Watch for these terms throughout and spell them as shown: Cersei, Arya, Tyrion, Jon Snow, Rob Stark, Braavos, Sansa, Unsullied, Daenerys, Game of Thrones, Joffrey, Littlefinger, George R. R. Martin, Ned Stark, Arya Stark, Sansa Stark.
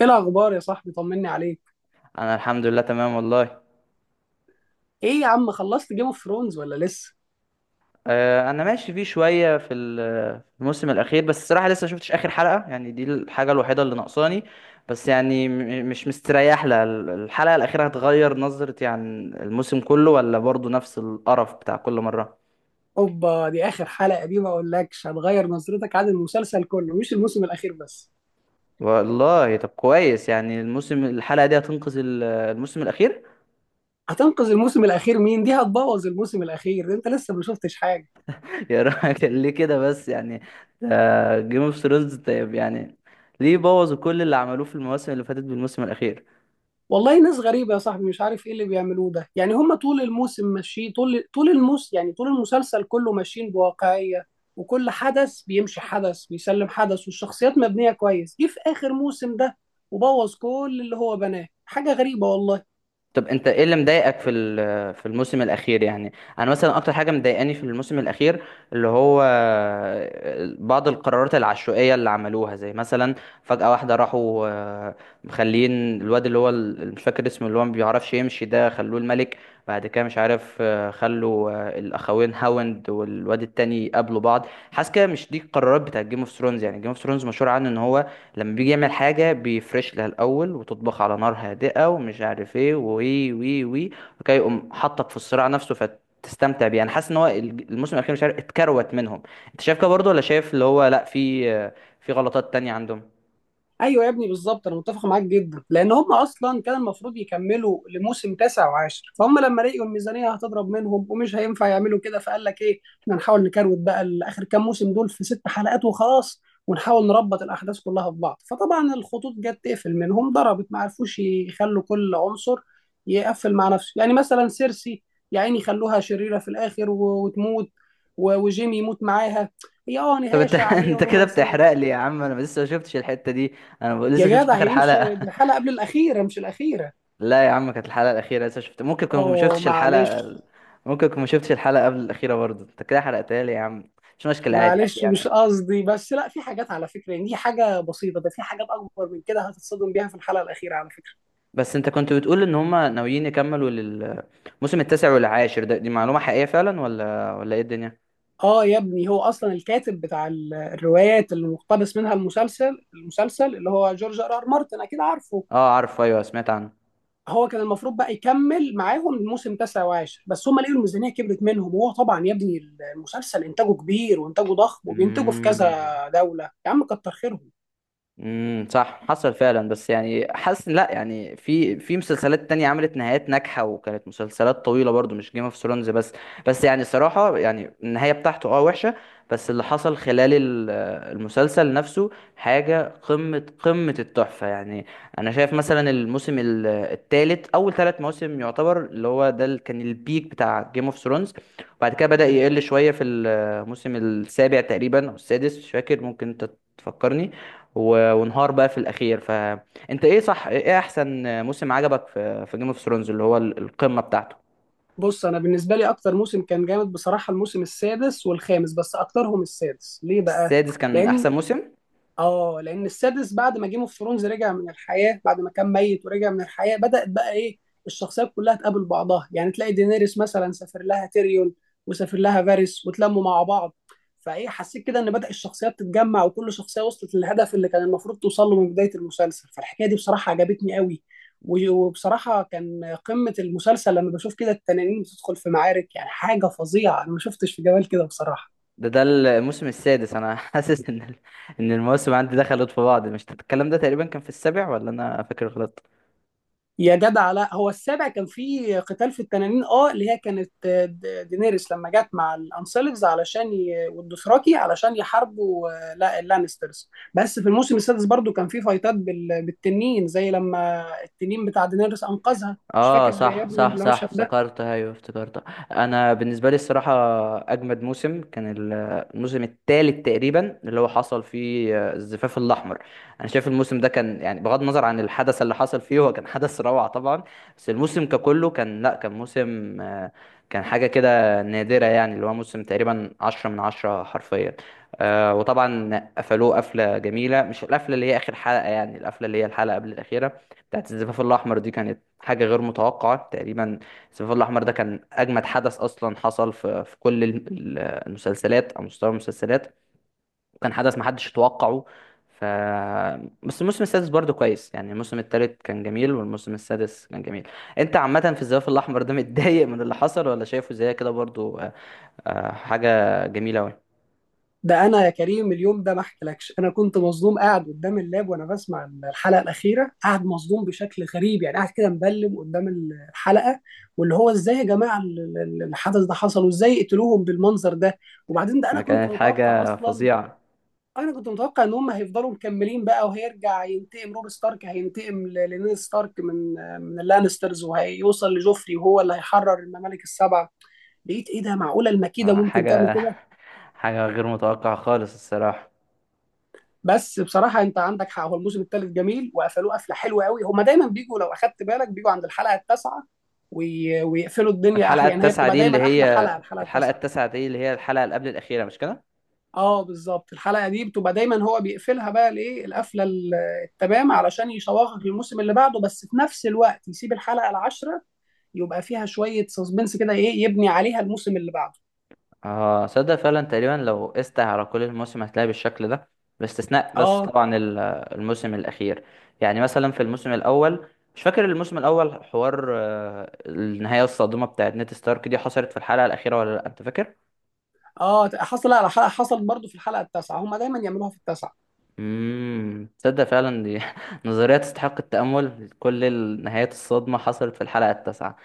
ايه الاخبار يا صاحبي؟ طمني عليك. انا الحمد لله تمام والله. ايه يا عم، خلصت جيم اوف ثرونز ولا لسه؟ آه، انا ماشي فيه شويه في في الموسم الاخير، بس الصراحه لسه ما شفتش اخر حلقه، يعني دي الحاجه الوحيده اللي ناقصاني. بس يعني مش مستريح لها، الحلقه الاخيره هتغير نظرتي عن الموسم كله، ولا برضو نفس القرف بتاع كل مره؟ اوبا، دي اخر حلقه، دي ما اقولكش هتغير نظرتك عن المسلسل كله، مش الموسم الاخير بس. والله طب كويس، يعني الموسم الحلقه دي هتنقذ الموسم الاخير. هتنقذ الموسم الاخير؟ مين؟ دي هتبوظ الموسم الاخير، انت لسه ما شفتش حاجه. يا راجل ليه كده بس يعني؟ جيم اوف ثرونز طيب يعني. ليه بوظوا كل اللي عملوه في المواسم اللي فاتت بالموسم الاخير؟ والله ناس غريبه يا صاحبي، مش عارف ايه اللي بيعملوه ده، يعني هم طول الموسم ماشيين، طول طول الموس يعني طول المسلسل كله ماشيين بواقعيه. وكل حدث بيمشي، حدث بيسلم حدث، والشخصيات مبنيه كويس، جه في اخر موسم ده وبوظ كل اللي هو بناه. حاجه غريبه والله. طب انت ايه اللي مضايقك في في الموسم الاخير يعني؟ انا مثلا اكتر حاجه مضايقاني في الموسم الاخير، اللي هو بعض القرارات العشوائيه اللي عملوها. زي مثلا فجاه واحده راحوا مخلين الواد اللي هو مش فاكر اسمه، اللي هو ما بيعرفش يمشي ده، خلوه الملك. بعد كده مش عارف، خلوا الاخوين هاوند والواد التاني يقابلوا بعض. حاسس كده مش دي القرارات بتاعت جيم اوف ثرونز، يعني جيم اوف ثرونز مشهور عنه ان هو لما بيجي يعمل حاجة بيفرش لها الأول وتطبخ على نار هادئة ومش عارف ايه وي وي وي. وكي يقوم حطك في الصراع نفسه فتستمتع بيه. أنا حاسس إن هو الموسم الأخير مش عارف اتكروت منهم. أنت شايف كده برضه، ولا شايف اللي هو لأ، في غلطات تانية عندهم؟ ايوه يا ابني بالظبط، انا متفق معاك جدا، لان هم اصلا كان المفروض يكملوا لموسم تاسع وعاشر، فهم لما لقوا الميزانيه هتضرب منهم ومش هينفع يعملوا كده، فقال لك ايه، احنا نحاول نكروت بقى لاخر كام موسم دول في ست حلقات وخلاص. ونحاول نربط الاحداث كلها في بعض، فطبعا الخطوط جت تقفل منهم، ضربت، ما عرفوش يخلوا كل عنصر يقفل مع نفسه، يعني مثلا سيرسي يا عيني خلوها شريره في الاخر وتموت، وجيمي يموت معاها، هي طب نهايه أنت شعريه أنت كده بتحرق ورومانسيه. لي يا عم، أنا لسه ما شفتش الحتة دي. أنا لسه يا ما شفتش جدع، هي آخر دي مش، دي حلقة. الحلقة قبل الأخيرة مش الأخيرة. لا يا عم كانت الحلقة الأخيرة. لسه شفت، ممكن كنت ما أوه شفتش الحلقة، معلش. ممكن كنت ما شفتش الحلقة قبل الأخيرة برضه. أنت كده حرقتها لي يا عم. مش مشكلة، عادي عادي معلش مش يعني. قصدي، بس لا، في حاجات على فكرة، يعني دي حاجة بسيطة، ده في حاجات أكبر من كده هتتصدم بيها في الحلقة الأخيرة على فكرة. بس انت كنت بتقول ان هما ناويين يكملوا للموسم التاسع والعاشر ده، دي معلومة حقيقية فعلا ولا ايه الدنيا؟ آه يا ابني، هو أصلا الكاتب بتاع الروايات اللي مقتبس منها المسلسل اللي هو جورج آر آر مارتن، أكيد عارفه. اه عارف، ايوه سمعت عنه. هو كان المفروض بقى يكمل معاهم الموسم 19، بس هم لقوا الميزانية كبرت منهم، وهو طبعا يا ابني المسلسل إنتاجه كبير وإنتاجه ضخم، وبينتجوا في مم. كذا دولة يا عم كتر خيرهم. صح، حصل فعلا. بس يعني حاسس لا، يعني في مسلسلات تانية عملت نهايات ناجحة وكانت مسلسلات طويلة برضو، مش جيم اوف ثرونز بس. بس يعني صراحة يعني النهاية بتاعته وحشة، بس اللي حصل خلال المسلسل نفسه حاجة قمة قمة التحفة يعني. انا شايف مثلا الموسم التالت، اول 3 مواسم يعتبر اللي هو ده اللي كان البيك بتاع جيم اوف ثرونز. بعد كده بدأ يقل شوية في الموسم السابع تقريبا او السادس، مش فاكر، ممكن انت تفكرني. وانهار بقى في الاخير. فانت ايه، صح؟ ايه احسن موسم عجبك في جيم اوف ثرونز اللي هو القمه بتاعته؟ بص، انا بالنسبه لي اكتر موسم كان جامد بصراحه الموسم السادس والخامس، بس اكترهم السادس، ليه بقى؟ السادس كان لان احسن موسم. اه لان السادس بعد ما جيم اوف ثرونز رجع من الحياه بعد ما كان ميت ورجع من الحياه، بدات بقى ايه، الشخصيات كلها تقابل بعضها، يعني تلاقي دينيريس مثلا سافر لها تيريون وسافر لها فارس وتلموا مع بعض. فايه، حسيت كده ان بدا الشخصيات تتجمع، وكل شخصيه وصلت للهدف اللي كان المفروض توصل له من بدايه المسلسل، فالحكايه دي بصراحه عجبتني قوي. وبصراحه كان قمه المسلسل لما بشوف كده التنانين بتدخل في معارك، يعني حاجه فظيعه، انا ما شفتش في جمال كده بصراحه. ده الموسم السادس، انا حاسس ان المواسم عندي دخلت في بعض. مش الكلام ده تقريبا كان في السابع، ولا انا فاكر غلط؟ يا جدع، لا، هو السابع كان فيه قتال في التنانين اللي هي كانت دينيريس لما جت مع الانسلفز علشان والدوثراكي علشان يحاربوا لا اللانسترز، بس في الموسم السادس برضو كان فيه فايتات بالتنين، زي لما التنين بتاع دينيريس انقذها، مش اه، فاكر يا صح ابني صح صح، المشهد ده. افتكرتها، ايوه افتكرتها. انا بالنسبه لي الصراحه اجمد موسم كان الموسم الثالث تقريبا، اللي هو حصل فيه الزفاف الاحمر. انا شايف الموسم ده كان، يعني بغض النظر عن الحدث اللي حصل فيه، هو كان حدث روعه طبعا. بس الموسم ككله كان، لا كان موسم كان حاجه كده نادره، يعني اللي هو موسم تقريبا 10 من 10 حرفيا. وطبعا قفلوه قفله جميله، مش القفله اللي هي اخر حلقه يعني، القفله اللي هي الحلقه قبل الاخيره بتاعت الزفاف الأحمر دي كانت حاجة غير متوقعة تقريبا. الزفاف الأحمر ده كان أجمد حدث أصلا حصل في كل ال- المسلسلات، أو مستوى المسلسلات، وكان حدث محدش يتوقعه. ف بس الموسم السادس برضه كويس، يعني الموسم التالت كان جميل والموسم السادس كان جميل. أنت عامة في الزفاف الأحمر ده متضايق من اللي حصل، ولا شايفه زي كده برضه حاجة جميلة أوي؟ ده انا يا كريم، اليوم ده ما احكيلكش، انا كنت مصدوم قاعد قدام اللاب وانا بسمع الحلقه الاخيره، قاعد مصدوم بشكل غريب، يعني قاعد كده مبلم قدام الحلقه، واللي هو ازاي يا جماعه الحدث ده حصل، وازاي قتلوهم بالمنظر ده. وبعدين ده انا كنت كانت متوقع حاجة اصلا، فظيعة. انا كنت متوقع ان هم هيفضلوا مكملين بقى، وهيرجع ينتقم روب ستارك، هينتقم لنيد ستارك من اللانسترز وهيوصل لجوفري، وهو اللي هيحرر الممالك السبعه. لقيت ايه، ده معقوله المكيده آه، ممكن تعمل حاجة كده؟ حاجة غير متوقعة خالص الصراحة. بس بصراحه انت عندك حق، هو الموسم الثالث جميل وقفلوه قفله حلوه قوي، هما دايما بيجوا لو اخدت بالك بيجوا عند الحلقه التاسعه، ويقفلوا الدنيا الحلقة يعني هي التاسعة بتبقى دي اللي دايما احلى هي حلقه الحلقه الحلقة التاسعه. التاسعة دي اللي هي الحلقة اللي قبل الأخيرة مش كده؟ اه بالظبط، الحلقه دي بتبقى دايما هو بيقفلها بقى الايه القفله التمام علشان يشوقك للموسم اللي بعده، بس في نفس الوقت يسيب الحلقه العاشره يبقى فيها شويه سسبنس كده، ايه يبني عليها الموسم اللي بعده. اه، صدق فعلا، تقريبا لو قست على كل الموسم هتلاقي بالشكل ده، باستثناء بس اه، طبعا الموسم الأخير. يعني مثلا في الموسم الأول، مش فاكر الموسم الأول حوار، النهاية الصادمة بتاعت نيد ستارك دي حصلت في الحلقة الأخيرة ولا لأ، أنت فاكر؟ اه حصل، لا لا، حصل برضه في الحلقه التاسعه، هما دايما يعملوها في التاسعه. تصدق فعلا دي نظرية تستحق التأمل، كل النهايات الصادمة حصلت في الحلقة التاسعة.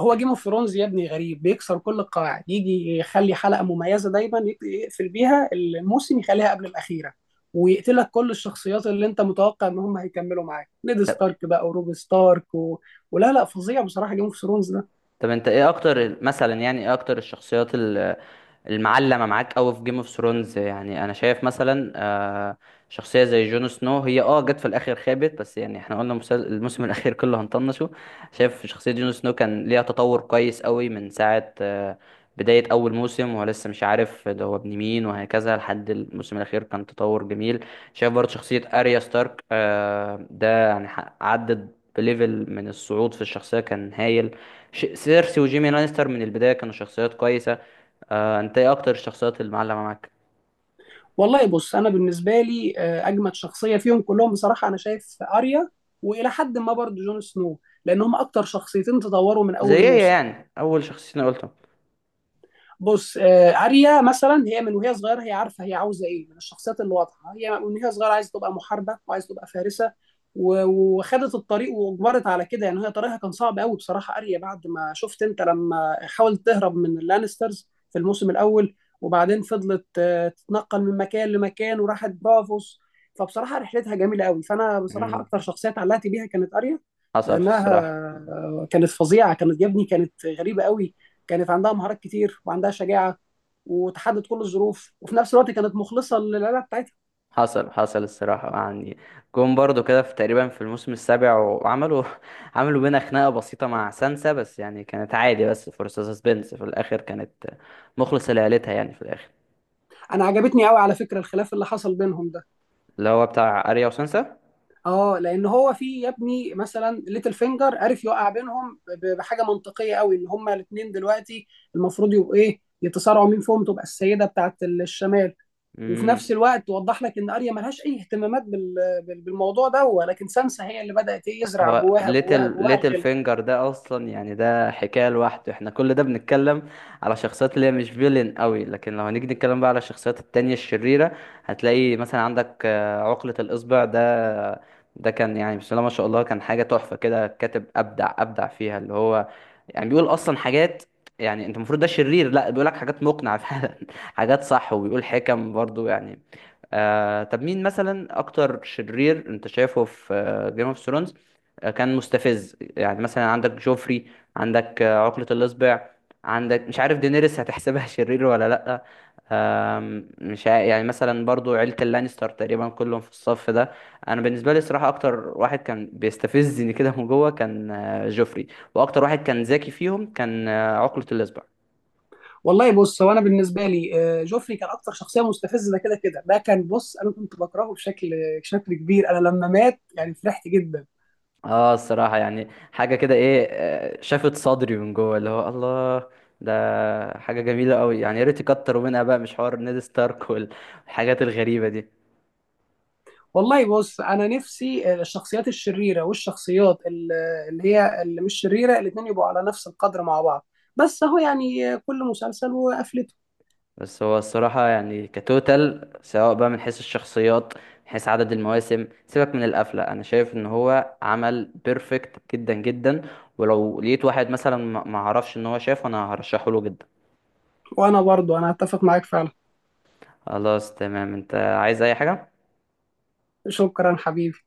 هو جيم اوف ثرونز يا ابني غريب، بيكسر كل القواعد، يجي يخلي حلقه مميزه دايما يقفل بيها الموسم، يخليها قبل الاخيره ويقتلك كل الشخصيات اللي انت متوقع ان هم هيكملوا معاك، نيد ستارك بقى وروب ستارك ولا لا، فظيع بصراحه جيم اوف ثرونز ده. طب انت ايه اكتر الشخصيات المعلمة معاك قوي في جيم اوف ثرونز؟ يعني انا شايف مثلا شخصية زي جون سنو. هي جت في الاخر خابت، بس يعني احنا قلنا الموسم الاخير كله هنطنشه. شايف شخصية جون سنو كان ليها تطور كويس قوي من ساعة بداية اول موسم، وهو لسه مش عارف ده هو ابن مين وهكذا، لحد الموسم الاخير كان تطور جميل. شايف برضه شخصية اريا ستارك ده يعني عدت بليفل من الصعود في الشخصية كان هايل. سيرسي وجيمي لانستر من البداية كانوا شخصيات كويسة. انت ايه اكتر الشخصيات اللي معلمة معاك؟ والله بص، انا بالنسبه لي اجمد شخصيه فيهم كلهم بصراحه، انا شايف اريا والى حد ما برضه جون سنو، لان هم اكتر شخصيتين تطوروا من زي اول ايه موسم. يعني اول شخصيتين قلتهم؟ بص اريا مثلا، هي من وهي صغيره هي عارفه هي عاوزه ايه، من الشخصيات الواضحه، هي من وهي صغيره عايزه تبقى محاربه وعايزه تبقى فارسه. وخدت الطريق واجبرت على كده، يعني هي طريقها كان صعب قوي بصراحه، اريا بعد ما شفت انت لما حاولت تهرب من اللانسترز في الموسم الاول، وبعدين فضلت تتنقل من مكان لمكان وراحت برافوس. فبصراحه رحلتها جميله قوي، فانا بصراحه مم. اكتر شخصيه اتعلقت بيها كانت اريا، حصل في لانها الصراحة. كانت فظيعه، كانت يا ابني كانت غريبه قوي، كانت عندها مهارات كتير وعندها شجاعه، وتحدد كل الظروف وفي نفس الوقت كانت مخلصه للعيله بتاعتها. حصل الصراحة يعني، جم برضو كده في تقريبا في الموسم السابع، وعملوا عملوا بينا خناقة بسيطة مع سانسا، بس يعني كانت عادي، بس فرصة سسبنس في الآخر كانت مخلصة لعيلتها يعني في الآخر، انا عجبتني قوي على فكره الخلاف اللي حصل بينهم ده. اللي هو بتاع أريا وسانسا. اه، لان هو في يا ابني مثلا ليتل فينجر عرف يوقع بينهم بحاجه منطقيه قوي، ان هما الاثنين دلوقتي المفروض يبقوا ايه، يتصارعوا مين فيهم تبقى السيده بتاعت الشمال. وفي نفس مم. الوقت وضح لك ان اريا ملهاش اي اهتمامات بالموضوع ده، ولكن سانسا هي اللي بدات ايه يزرع هو جواها جواها ليتل جواها ليتل الغل. فينجر ده اصلا، يعني ده حكايه لوحده. احنا كل ده بنتكلم على شخصيات اللي هي مش فيلن قوي، لكن لو هنيجي نتكلم بقى على الشخصيات التانية الشريره، هتلاقي مثلا عندك عقله الاصبع ده. ده كان يعني بسم الله ما شاء الله، كان حاجه تحفه كده، كاتب ابدع ابدع فيها، اللي هو يعني بيقول اصلا حاجات، يعني انت المفروض ده شرير، لا بيقول لك حاجات مقنعه فعلا، حاجات صح، وبيقول حكم برضو يعني. طب مين مثلا اكتر شرير انت شايفه في جيم اوف ثرونز كان مستفز؟ يعني مثلا عندك جوفري، عندك عقلة الإصبع، عندك مش عارف دينيريس هتحسبها شرير ولا لأ؟ مش عا- يعني مثلا برضو عيلة اللانستر تقريبا كلهم في الصف ده. أنا بالنسبة لي صراحة أكتر واحد كان بيستفزني كده من جوه كان جوفري، وأكتر واحد كان ذكي فيهم كان عقلة الإصبع. والله بص، هو انا بالنسبه لي جوفري كان اكتر شخصيه مستفزه، ده كده كده ده كان، بص انا كنت بكرهه بشكل كبير، انا لما مات يعني فرحت جدا. اه الصراحة يعني حاجة كده ايه، شافت صدري من جوه اللي هو الله. ده حاجة جميلة قوي يعني، يا ريت يكتروا منها بقى، مش حوار نيد ستارك والحاجات الغريبة دي. والله بص، انا نفسي الشخصيات الشريره والشخصيات اللي هي اللي مش شريره الاثنين يبقوا على نفس القدر مع بعض، بس اهو يعني كل مسلسل وقفلته. بس هو الصراحة يعني كتوتال، سواء بقى من حيث الشخصيات من حيث عدد المواسم، سيبك من القفلة، انا شايف ان هو عمل بيرفكت جدا جدا، ولو لقيت واحد مثلا ما عرفش ان هو شافه انا هرشحه له جدا. وانا برضو انا اتفق معاك فعلا. خلاص تمام، انت عايز اي حاجة؟ شكرا حبيبي.